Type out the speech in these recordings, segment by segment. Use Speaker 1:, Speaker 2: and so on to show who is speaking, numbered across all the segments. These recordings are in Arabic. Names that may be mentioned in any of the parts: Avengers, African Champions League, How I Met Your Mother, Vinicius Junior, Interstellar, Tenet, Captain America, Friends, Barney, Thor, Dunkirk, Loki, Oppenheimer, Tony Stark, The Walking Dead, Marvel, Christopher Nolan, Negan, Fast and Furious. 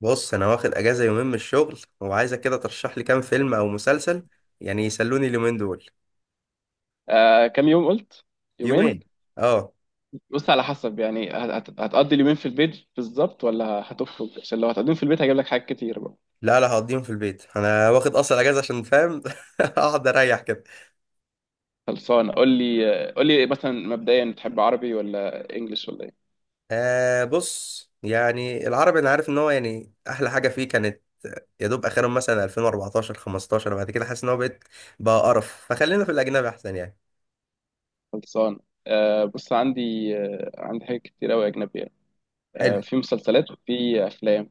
Speaker 1: بص، انا واخد اجازه يومين من الشغل وعايزك كده ترشح لي كام فيلم او مسلسل، يعني يسلوني اليومين دول.
Speaker 2: آه، كام يوم قلت؟ يومين.
Speaker 1: يومين. اه.
Speaker 2: بص، على حسب يعني هتقضي اليومين في البيت بالظبط ولا هتخرج؟ عشان لو هتقضيهم في البيت هجيب لك حاجات كتير بقى.
Speaker 1: لا لا، هقضيهم في البيت، انا واخد اصلا اجازه عشان فاهم اقعد اريح كده.
Speaker 2: خلصان، قول لي آه، قول لي مثلا مبدئيا تحب عربي ولا انجليش ولا ايه؟
Speaker 1: آه، بص يعني العربي انا عارف ان هو يعني احلى حاجه فيه كانت يا دوب اخرهم مثلا 2014 15، وبعد كده حاسس ان هو بقيت بقى قرف، فخلينا في الاجنبي احسن يعني.
Speaker 2: خلصان. آه بص عندي، آه عندي حاجات كتير قوي اجنبيه. آه
Speaker 1: حلو.
Speaker 2: في مسلسلات وفي افلام.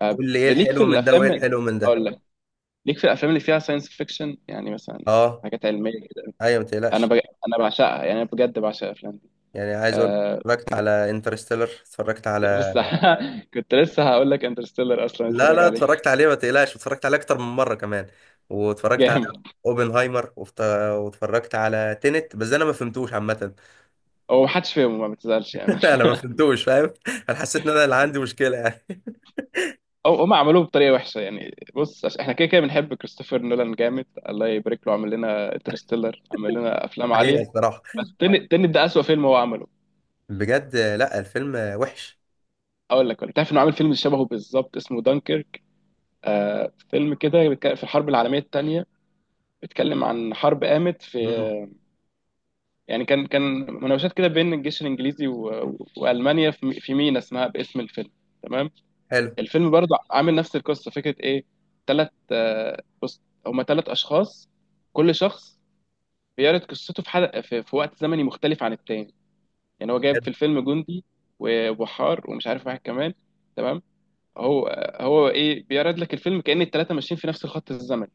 Speaker 2: آه.
Speaker 1: قول لي ايه
Speaker 2: ليك في
Speaker 1: الحلو من ده
Speaker 2: الافلام،
Speaker 1: وايه الحلو من ده.
Speaker 2: اقول لك، ليك في الافلام اللي فيها ساينس فيكشن، يعني مثلا
Speaker 1: اه،
Speaker 2: حاجات علميه كده.
Speaker 1: ايوه ما
Speaker 2: انا
Speaker 1: تقلقش.
Speaker 2: بج... انا بعشقها، يعني انا بجد بعشق الافلام دي.
Speaker 1: يعني عايز اقول
Speaker 2: آه،
Speaker 1: اتفرجت على انترستيلر، اتفرجت على
Speaker 2: بس. كنت لسه هقول لك انترستيلر اصلا
Speaker 1: لا
Speaker 2: اتفرج
Speaker 1: لا،
Speaker 2: عليه.
Speaker 1: اتفرجت عليه ما تقلقش، اتفرجت عليه اكتر من مره كمان. واتفرجت على
Speaker 2: جامد.
Speaker 1: اوبنهايمر واتفرجت على تينت، بس انا ما فهمتوش عامه.
Speaker 2: هو محدش فاهمه، ما بتزعلش يعني.
Speaker 1: انا ما فهمتوش فاهم، انا حسيت ان انا اللي عندي مشكله يعني.
Speaker 2: او هم عملوه بطريقه وحشه يعني. بص، عشان احنا كده كده بنحب كريستوفر نولان جامد، الله يبارك له، عمل لنا انترستيلر، عمل لنا افلام
Speaker 1: حقيقه
Speaker 2: عاليه،
Speaker 1: الصراحه،
Speaker 2: بس تنت، تنت ده اسوأ فيلم هو عمله.
Speaker 1: بجد لا، الفيلم وحش.
Speaker 2: اقول لك، انت عارف انه عامل فيلم شبهه بالظبط اسمه دانكيرك؟ آه، فيلم كده بيتكلم في الحرب العالميه الثانيه، بيتكلم عن حرب قامت في،
Speaker 1: مم.
Speaker 2: يعني كان مناوشات كده بين الجيش الانجليزي والمانيا في مينا اسمها باسم الفيلم. تمام.
Speaker 1: حلو
Speaker 2: الفيلم برضه عامل نفس القصه، فكره ايه؟ تلات، آه، بص، هما تلات اشخاص، كل شخص بيعرض قصته في حلقه في وقت زمني مختلف عن التاني. يعني هو جايب في
Speaker 1: حلو،
Speaker 2: الفيلم جندي وبحار ومش عارف واحد كمان، تمام؟ هو هو ايه، بيعرض لك الفيلم كأن التلاته ماشيين في نفس الخط الزمني.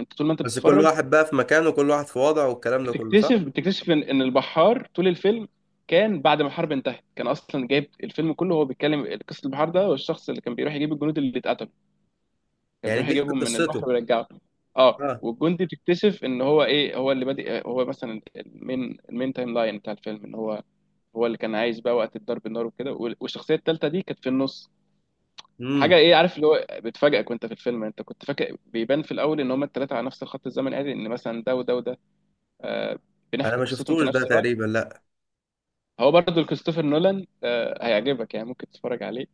Speaker 2: انت طول ما انت
Speaker 1: بس كل
Speaker 2: بتتفرج
Speaker 1: واحد بقى في مكانه، كل واحد في وضعه والكلام ده كله صح.
Speaker 2: بتكتشف ان البحار طول الفيلم كان بعد ما الحرب انتهت، كان اصلا جايب الفيلم كله، هو بيتكلم قصه البحار ده والشخص اللي كان بيروح يجيب الجنود اللي اتقتلوا، كان
Speaker 1: يعني
Speaker 2: بيروح
Speaker 1: بيحكي
Speaker 2: يجيبهم من
Speaker 1: قصته.
Speaker 2: البحر ويرجعه. اه.
Speaker 1: اه.
Speaker 2: والجندي بتكتشف ان هو ايه، هو اللي بادئ، هو مثلا المين تايم لاين بتاع الفيلم، ان هو، هو اللي كان عايش بقى وقت الضرب النار وكده. والشخصيه الثالثه دي كانت في النص. حاجه
Speaker 1: امم.
Speaker 2: ايه، عارف اللي هو بتفاجئك وانت في الفيلم؟ انت كنت فاكر بيبان في الاول ان هما الثلاثه على نفس الخط الزمني عادي، ان مثلا ده وده وده، آه،
Speaker 1: انا
Speaker 2: بنحكي
Speaker 1: ما
Speaker 2: قصتهم في
Speaker 1: شفتوش ده
Speaker 2: نفس الوقت.
Speaker 1: تقريبا، لا.
Speaker 2: هو برضه كريستوفر نولان، آه هيعجبك يعني، ممكن تتفرج عليه.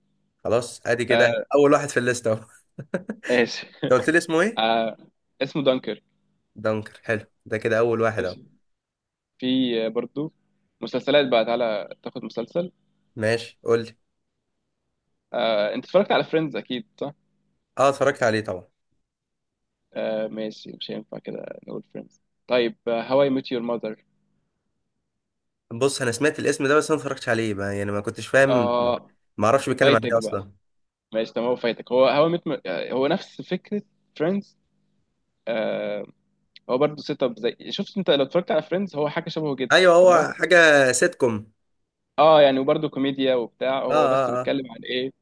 Speaker 1: خلاص، ادي كده
Speaker 2: آه.
Speaker 1: اول واحد في الليسته اهو
Speaker 2: ماشي.
Speaker 1: انت قلت لي اسمه ايه؟
Speaker 2: آه، اسمه دانكر.
Speaker 1: دانكر، حلو، ده كده اول واحد اهو.
Speaker 2: في برضو مسلسلات بقى، تعالى تاخد مسلسل.
Speaker 1: ماشي قول لي.
Speaker 2: آه، انت اتفرجت على فريندز اكيد صح؟
Speaker 1: اه، اتفرجت عليه طبعا.
Speaker 2: آه، ماشي، مش هينفع كده نقول فريندز. طيب هواي ميت يور ماذر؟
Speaker 1: بص انا سمعت الاسم ده، بس انا ما اتفرجتش عليه، ما يعني ما كنتش فاهم،
Speaker 2: اه،
Speaker 1: ما اعرفش بيتكلم عن
Speaker 2: فايتك
Speaker 1: ايه
Speaker 2: بقى.
Speaker 1: اصلا.
Speaker 2: ماشي تمام، هو فايتك، هو ميت، هو نفس فكرة فريندز. آه، هو برضه سيت اب، زي، شفت، انت لو اتفرجت على فريندز هو حاجة شبهه جدا.
Speaker 1: ايوه
Speaker 2: تمام.
Speaker 1: هو حاجه سيتكم.
Speaker 2: اه يعني، وبرضه كوميديا وبتاع،
Speaker 1: اه
Speaker 2: هو بس
Speaker 1: اه اه
Speaker 2: بيتكلم عن ايه.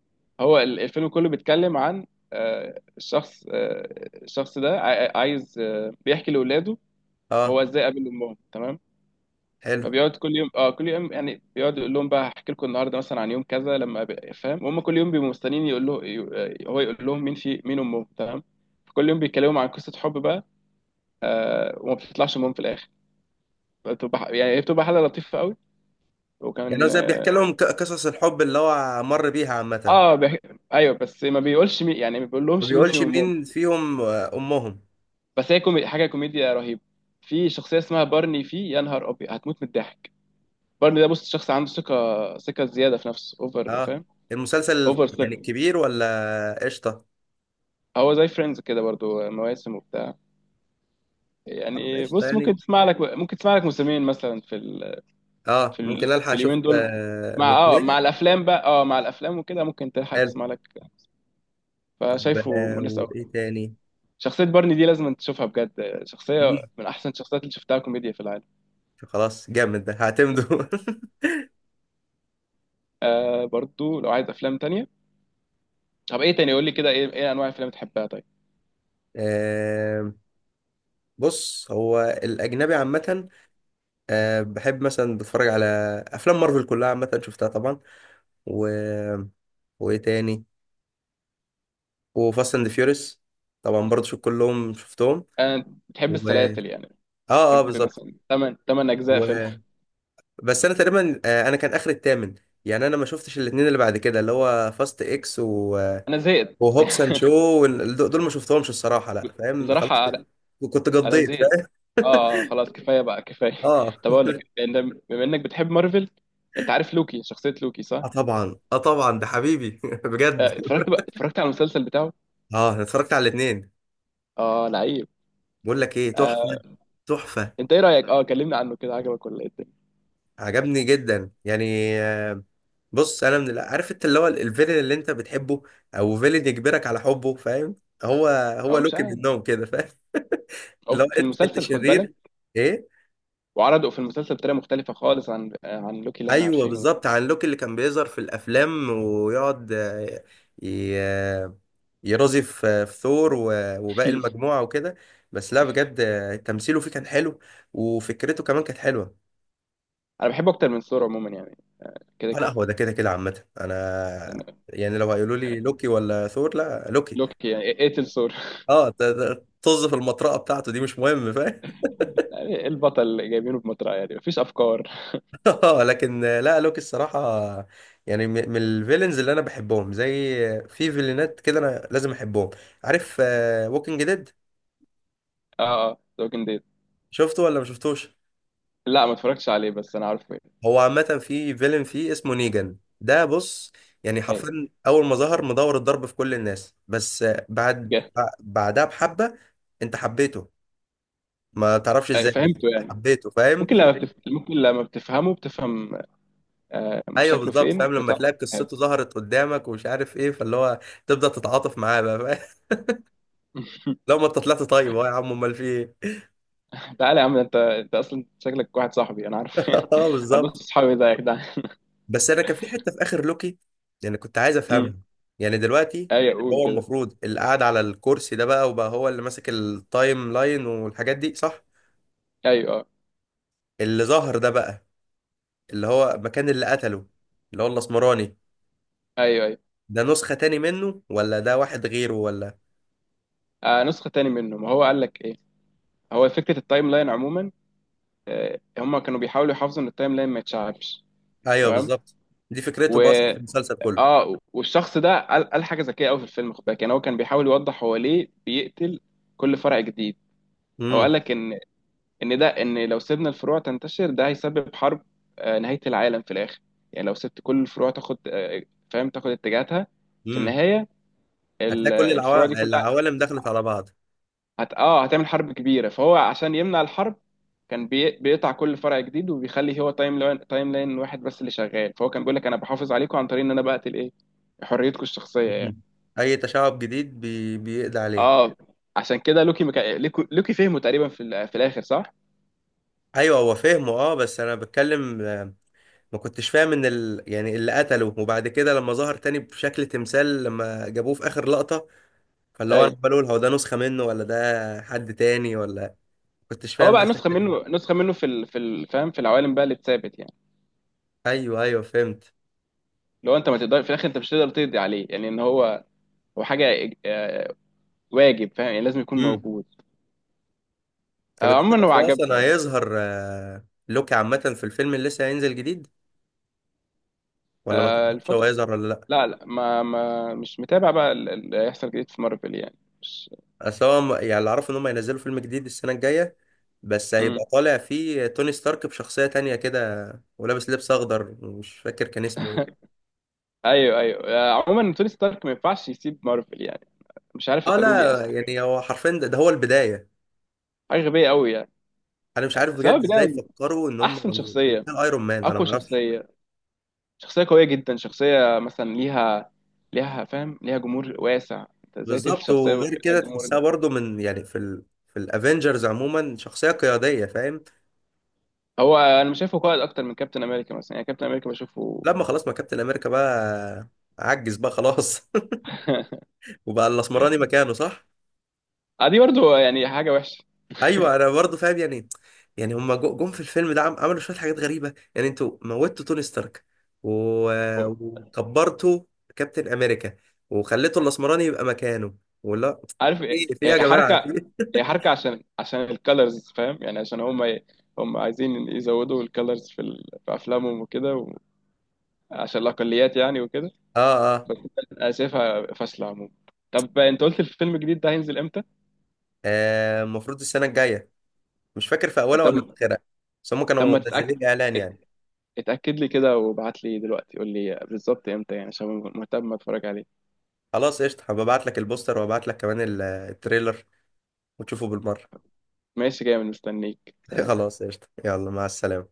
Speaker 2: هو الفيلم كله بيتكلم عن، آه، الشخص، آه الشخص ده عايز، آه، بيحكي لاولاده
Speaker 1: اه.
Speaker 2: هو ازاي قابل امهم، تمام؟
Speaker 1: حلو.
Speaker 2: فبيقعد كل يوم، اه كل يوم يعني، بيقعد يقول لهم بقى هحكي لكم النهارده مثلا عن يوم كذا لما فاهم، وهم كل يوم بيبقوا مستنيين يقول له هو يقول لهم مين في مين امهم، تمام. كل يوم بيتكلموا عن قصه حب بقى، آه، وما بتطلعش امهم في الاخر. بتبقى يعني هي بتبقى حاله لطيفه قوي.
Speaker 1: يعني هو
Speaker 2: وكان
Speaker 1: زي بيحكي
Speaker 2: اه،
Speaker 1: لهم قصص الحب اللي هو مر بيها عامه.
Speaker 2: آه، ايوه، بس ما بيقولش مين، يعني ما
Speaker 1: ما
Speaker 2: بيقولهمش مين
Speaker 1: بيقولش
Speaker 2: فيهم امهم.
Speaker 1: مين فيهم امهم.
Speaker 2: بس هي حاجه كوميديا رهيبه. في شخصيه اسمها بارني، في، يا نهار ابيض، هتموت من الضحك. بارني ده بص، شخص عنده ثقه زياده في نفسه، اوفر،
Speaker 1: اه،
Speaker 2: فاهم،
Speaker 1: المسلسل
Speaker 2: اوفر
Speaker 1: يعني
Speaker 2: سليب.
Speaker 1: كبير ولا قشطه؟
Speaker 2: هو زي فريندز كده برضو، مواسم وبتاع،
Speaker 1: طب
Speaker 2: يعني
Speaker 1: قشطه
Speaker 2: بص،
Speaker 1: يعني.
Speaker 2: ممكن تسمع لك موسمين مثلا في
Speaker 1: اه، ممكن الحق
Speaker 2: في
Speaker 1: اشوف
Speaker 2: اليومين دول مع، اه مع
Speaker 1: مشوير.
Speaker 2: الافلام بقى، اه مع الافلام وكده، ممكن تلحق
Speaker 1: حلو.
Speaker 2: تسمع لك.
Speaker 1: طب
Speaker 2: فشايفه مناسب
Speaker 1: وايه
Speaker 2: قوي.
Speaker 1: تاني؟
Speaker 2: شخصية بارني دي لازم تشوفها بجد، شخصية
Speaker 1: مم.
Speaker 2: من احسن الشخصيات اللي شفتها كوميديا في العالم.
Speaker 1: خلاص جامد ده هعتمده
Speaker 2: آه برضو لو عايز افلام تانية، طب ايه تاني، قول لي كده ايه انواع الافلام بتحبها، طيب؟
Speaker 1: آه، بص هو الأجنبي عامة، بحب مثلا بتفرج على أفلام مارفل كلها، عامة شفتها طبعا، و... وإيه تاني؟ وفاست أند فيوريس، طبعا برضه شوف كلهم شفتهم،
Speaker 2: انا بتحب
Speaker 1: و
Speaker 2: السلاسل يعني، بتحب
Speaker 1: بالظبط.
Speaker 2: مثلا 8 اجزاء فيلم.
Speaker 1: و... بس أنا تقريبا، أنا كان آخر التامن، يعني أنا ما شفتش الاتنين اللي بعد كده، اللي هو فاست إكس و...
Speaker 2: انا زهقت.
Speaker 1: وهوبس أند شو، دول ما شفتهمش الصراحة، لا فاهم خلاص،
Speaker 2: بصراحة
Speaker 1: كنت
Speaker 2: انا
Speaker 1: قضيت
Speaker 2: زهقت.
Speaker 1: فاهم.
Speaker 2: اه، آه، خلاص كفايه بقى كفايه.
Speaker 1: آه
Speaker 2: طب اقول لك بما انك بتحب مارفل، انت عارف لوكي، شخصيه لوكي، صح؟
Speaker 1: آه طبعا، آه طبعا ده حبيبي بجد.
Speaker 2: آه، اتفرجت بقى، اتفرجت على المسلسل بتاعه؟
Speaker 1: اه، أنا اتفرجت على الاثنين،
Speaker 2: اه لعيب.
Speaker 1: بقول لك ايه،
Speaker 2: آه،
Speaker 1: تحفه. تحفه.
Speaker 2: انت ايه رايك، اه كلمنا عنه كده، عجبك ولا ايه الدنيا؟
Speaker 1: عجبني جدا يعني. آه، بص انا عارف انت اللي هو الفيلن اللي انت بتحبه، او فيلن يجبرك على حبه فاهم، هو هو
Speaker 2: اه مش
Speaker 1: لوكي
Speaker 2: عارف.
Speaker 1: منهم كده فاهم. اللي هو
Speaker 2: او في
Speaker 1: انت
Speaker 2: المسلسل خد بالك،
Speaker 1: شرير. ايه؟
Speaker 2: وعرضوا في المسلسل بطريقه مختلفه خالص عن، آه، عن لوكي اللي احنا
Speaker 1: ايوه
Speaker 2: عارفينه.
Speaker 1: بالظبط، عن لوكي اللي كان بيظهر في الافلام ويقعد ي- آه، يرازي في ثور وباقي المجموعه وكده. بس لا بجد، تمثيله فيه كان حلو، وفكرته كمان كانت حلوه.
Speaker 2: انا بحبه اكتر من ثور عموما يعني، كده
Speaker 1: لا
Speaker 2: كده.
Speaker 1: هو ده كده كده عامة انا،
Speaker 2: يعني
Speaker 1: يعني لو هيقولوا لي لوكي ولا ثور؟ لا لوكي.
Speaker 2: لوكي، يعني اقتل ثور.
Speaker 1: اه طز في المطرقة بتاعته دي مش مهم فاهم.
Speaker 2: يعني إيه البطل اللي جايبينه بمطرقه، يعني مفيش افكار.
Speaker 1: اه لكن لا، لوكي الصراحة يعني من الفيلنز اللي انا بحبهم، زي في فيلنات كده انا لازم احبهم، عارف، ووكينج ديد.
Speaker 2: اه اه، ذا ووكينج ديد.
Speaker 1: شفته ولا ما شفتوش؟
Speaker 2: لا ما اتفرجتش عليه بس انا عارفه.
Speaker 1: هو عامة في فيلن فيه اسمه نيجان، ده بص يعني
Speaker 2: يعني.
Speaker 1: حرفيا اول ما ظهر مدور الضرب في كل الناس، بس بعد
Speaker 2: جه-
Speaker 1: بعدها بحبة. انت حبيته ما تعرفش
Speaker 2: أيوة،
Speaker 1: ازاي بس،
Speaker 2: فهمته يعني.
Speaker 1: حبيته فاهم
Speaker 2: ممكن لما أيوة. ممكن لما بتفهمه بتفهم، آه،
Speaker 1: ايوه
Speaker 2: شكله
Speaker 1: بالظبط
Speaker 2: فين
Speaker 1: فاهم، لما
Speaker 2: بتاع.
Speaker 1: تلاقي قصته ظهرت قدامك ومش عارف ايه، فاللي هو تبدا تتعاطف معاه بقى فاهم لو ما انت طلعت طيب اهو، يا عم امال في ايه؟
Speaker 2: تعالى يا عم، انت انت اصلا شكلك واحد صاحبي انا عارف.
Speaker 1: اه
Speaker 2: انا
Speaker 1: بالظبط.
Speaker 2: نص صحابي ده يا جدعان.
Speaker 1: بس انا كان في حته في اخر لوكي يعني كنت عايز افهمها،
Speaker 2: أمم.
Speaker 1: يعني دلوقتي
Speaker 2: ايوه قول
Speaker 1: هو
Speaker 2: كده.
Speaker 1: المفروض اللي قاعد على الكرسي ده بقى وبقى هو اللي ماسك التايم لاين والحاجات دي صح،
Speaker 2: ايوه اه.
Speaker 1: اللي ظهر ده بقى، اللي هو مكان اللي قتله، اللي هو الاسمراني،
Speaker 2: ايوه ايوه.
Speaker 1: ده نسخه تاني منه ولا ده واحد غيره ولا؟
Speaker 2: آه نسخه تاني منه، ما هو قال لك ايه. هو فكره التايم لاين عموما، آه هم كانوا بيحاولوا يحافظوا ان التايم لاين ما يتشعبش.
Speaker 1: ايوه
Speaker 2: تمام.
Speaker 1: بالظبط، دي
Speaker 2: و،
Speaker 1: فكرتهم اصلا في المسلسل كله.
Speaker 2: اه، والشخص ده قال حاجه ذكيه قوي في الفيلم، خد بالك، يعني هو كان بيحاول يوضح هو ليه بيقتل كل فرع جديد. هو
Speaker 1: امم.
Speaker 2: قال لك ان ده، ان لو سيبنا الفروع تنتشر ده هيسبب حرب، آه، نهاية العالم في الاخر. يعني لو سبت كل الفروع تاخد، آه، فاهم، تاخد اتجاهاتها، في
Speaker 1: امم.
Speaker 2: النهاية
Speaker 1: هتلاقي كل
Speaker 2: الفروع دي كلها
Speaker 1: العوالم دخلت على بعض.
Speaker 2: اه هتعمل حرب كبيرة. فهو عشان يمنع الحرب، بيقطع كل فرع جديد وبيخلي هو تايم لاين واحد بس اللي شغال. فهو كان بيقول لك انا بحافظ عليكم عن طريق ان انا بقتل ايه، حريتكم الشخصية يعني.
Speaker 1: مم. اي تشعب جديد بيقضي عليه.
Speaker 2: اه عشان كده لوكي لوكي فهمه تقريبا في في الاخر، صح؟
Speaker 1: ايوه هو فهمه، اه بس انا بتكلم، ما كنتش فاهم ان يعني اللي قتله، وبعد كده لما ظهر تاني بشكل تمثال لما جابوه في اخر لقطة، فاللي هو انا
Speaker 2: ايوه
Speaker 1: بقول هو ده نسخة منه ولا ده حد تاني ولا؟ ما كنتش
Speaker 2: هو
Speaker 1: فاهم بس
Speaker 2: بقى نسخه
Speaker 1: الحتة دي.
Speaker 2: منه، نسخه منه في فاهم، في العوالم بقى اللي اتثابت يعني.
Speaker 1: ايوه ايوه فهمت.
Speaker 2: لو انت ما تقدر في الاخر، انت مش تقدر تقضي عليه، يعني ان هو، هو حاجه آه، واجب، فاهم، يعني لازم يكون
Speaker 1: امم.
Speaker 2: موجود.
Speaker 1: طب
Speaker 2: آه،
Speaker 1: انت
Speaker 2: عموما هو
Speaker 1: تعرف هو اصلا
Speaker 2: عجبني يعني.
Speaker 1: هيظهر لوكي عامة في الفيلم اللي لسه هينزل جديد ولا ما
Speaker 2: آه،
Speaker 1: تعرفش هو
Speaker 2: الفتره،
Speaker 1: هيظهر ولا لا؟
Speaker 2: لا لا، ما مش متابع بقى اللي هيحصل جديد في مارفل يعني، مش.
Speaker 1: اصل هو يعني اللي اعرفه ان هم هينزلوا فيلم جديد السنه الجايه، بس
Speaker 2: مم.
Speaker 1: هيبقى طالع فيه توني ستارك بشخصيه تانية كده، ولابس لبس اخضر مش فاكر كان اسمه ايه.
Speaker 2: ايوه ايوه. آه، عموما توني ستارك ما ينفعش يسيب مارفل يعني، مش عارف
Speaker 1: اه
Speaker 2: قتلوه ليه
Speaker 1: لا
Speaker 2: اصلا،
Speaker 1: يعني
Speaker 2: حاجه،
Speaker 1: هو حرفيا ده هو البدايه،
Speaker 2: حاجة غبيه قوي يعني.
Speaker 1: انا مش عارف
Speaker 2: سواء
Speaker 1: بجد ازاي
Speaker 2: ده
Speaker 1: فكروا ان هم
Speaker 2: احسن
Speaker 1: يعني
Speaker 2: شخصيه،
Speaker 1: يبقى ايرون مان انا
Speaker 2: اقوى
Speaker 1: ما اعرفش.
Speaker 2: شخصيه، شخصية قوية جدا، شخصية مثلا ليها، ليها فاهم، ليها جمهور واسع، انت ازاي تقتل
Speaker 1: بالظبط،
Speaker 2: شخصية
Speaker 1: وغير
Speaker 2: ليها
Speaker 1: كده
Speaker 2: جمهور
Speaker 1: تحسها
Speaker 2: ده؟
Speaker 1: برضو من يعني في في الافنجرز عموما شخصيه قياديه فاهم.
Speaker 2: هو انا مش شايفه قائد اكتر من كابتن امريكا مثلا، يعني كابتن امريكا بشوفه.
Speaker 1: لما خلاص ما كابتن امريكا بقى عجز بقى خلاص وبقى الاسمراني مكانه صح.
Speaker 2: آه، دي برضو يعني حاجة وحشة.
Speaker 1: ايوه انا برضو فاهم يعني، يعني هما جم في الفيلم ده عملوا شويه حاجات غريبه، يعني انتوا موتوا توني ستارك وكبرتوا كابتن امريكا، وخليتوا الاسمراني يبقى مكانه، ولا
Speaker 2: عارف إيه؟
Speaker 1: ايه في إيه يا
Speaker 2: هي
Speaker 1: جماعه، في
Speaker 2: حركة،
Speaker 1: إيه؟
Speaker 2: هي حركة عشان، عشان الكالرز، فاهم، يعني عشان هم عايزين يزودوا الكالرز في في افلامهم وكده، عشان الاقليات يعني وكده.
Speaker 1: اه اه،
Speaker 2: بس انا شايفها فاشلة عموما. طب انت قلت الفيلم الجديد ده هينزل امتى؟
Speaker 1: المفروض السنه الجايه، مش فاكر في اولها
Speaker 2: طب
Speaker 1: ولا في اخرها، بس هم
Speaker 2: طب
Speaker 1: كانوا
Speaker 2: ما تتأكد،
Speaker 1: منزلين اعلان يعني.
Speaker 2: اتأكد لي كده وابعت لي دلوقتي، قول لي بالظبط امتى يعني، عشان مهتم اتفرج عليه.
Speaker 1: خلاص قشطه، هبعت لك البوستر وابعت لك كمان التريلر وتشوفه بالمره.
Speaker 2: ماشي جامد، مستنيك، سلام.
Speaker 1: خلاص قشطه، يلا مع السلامه.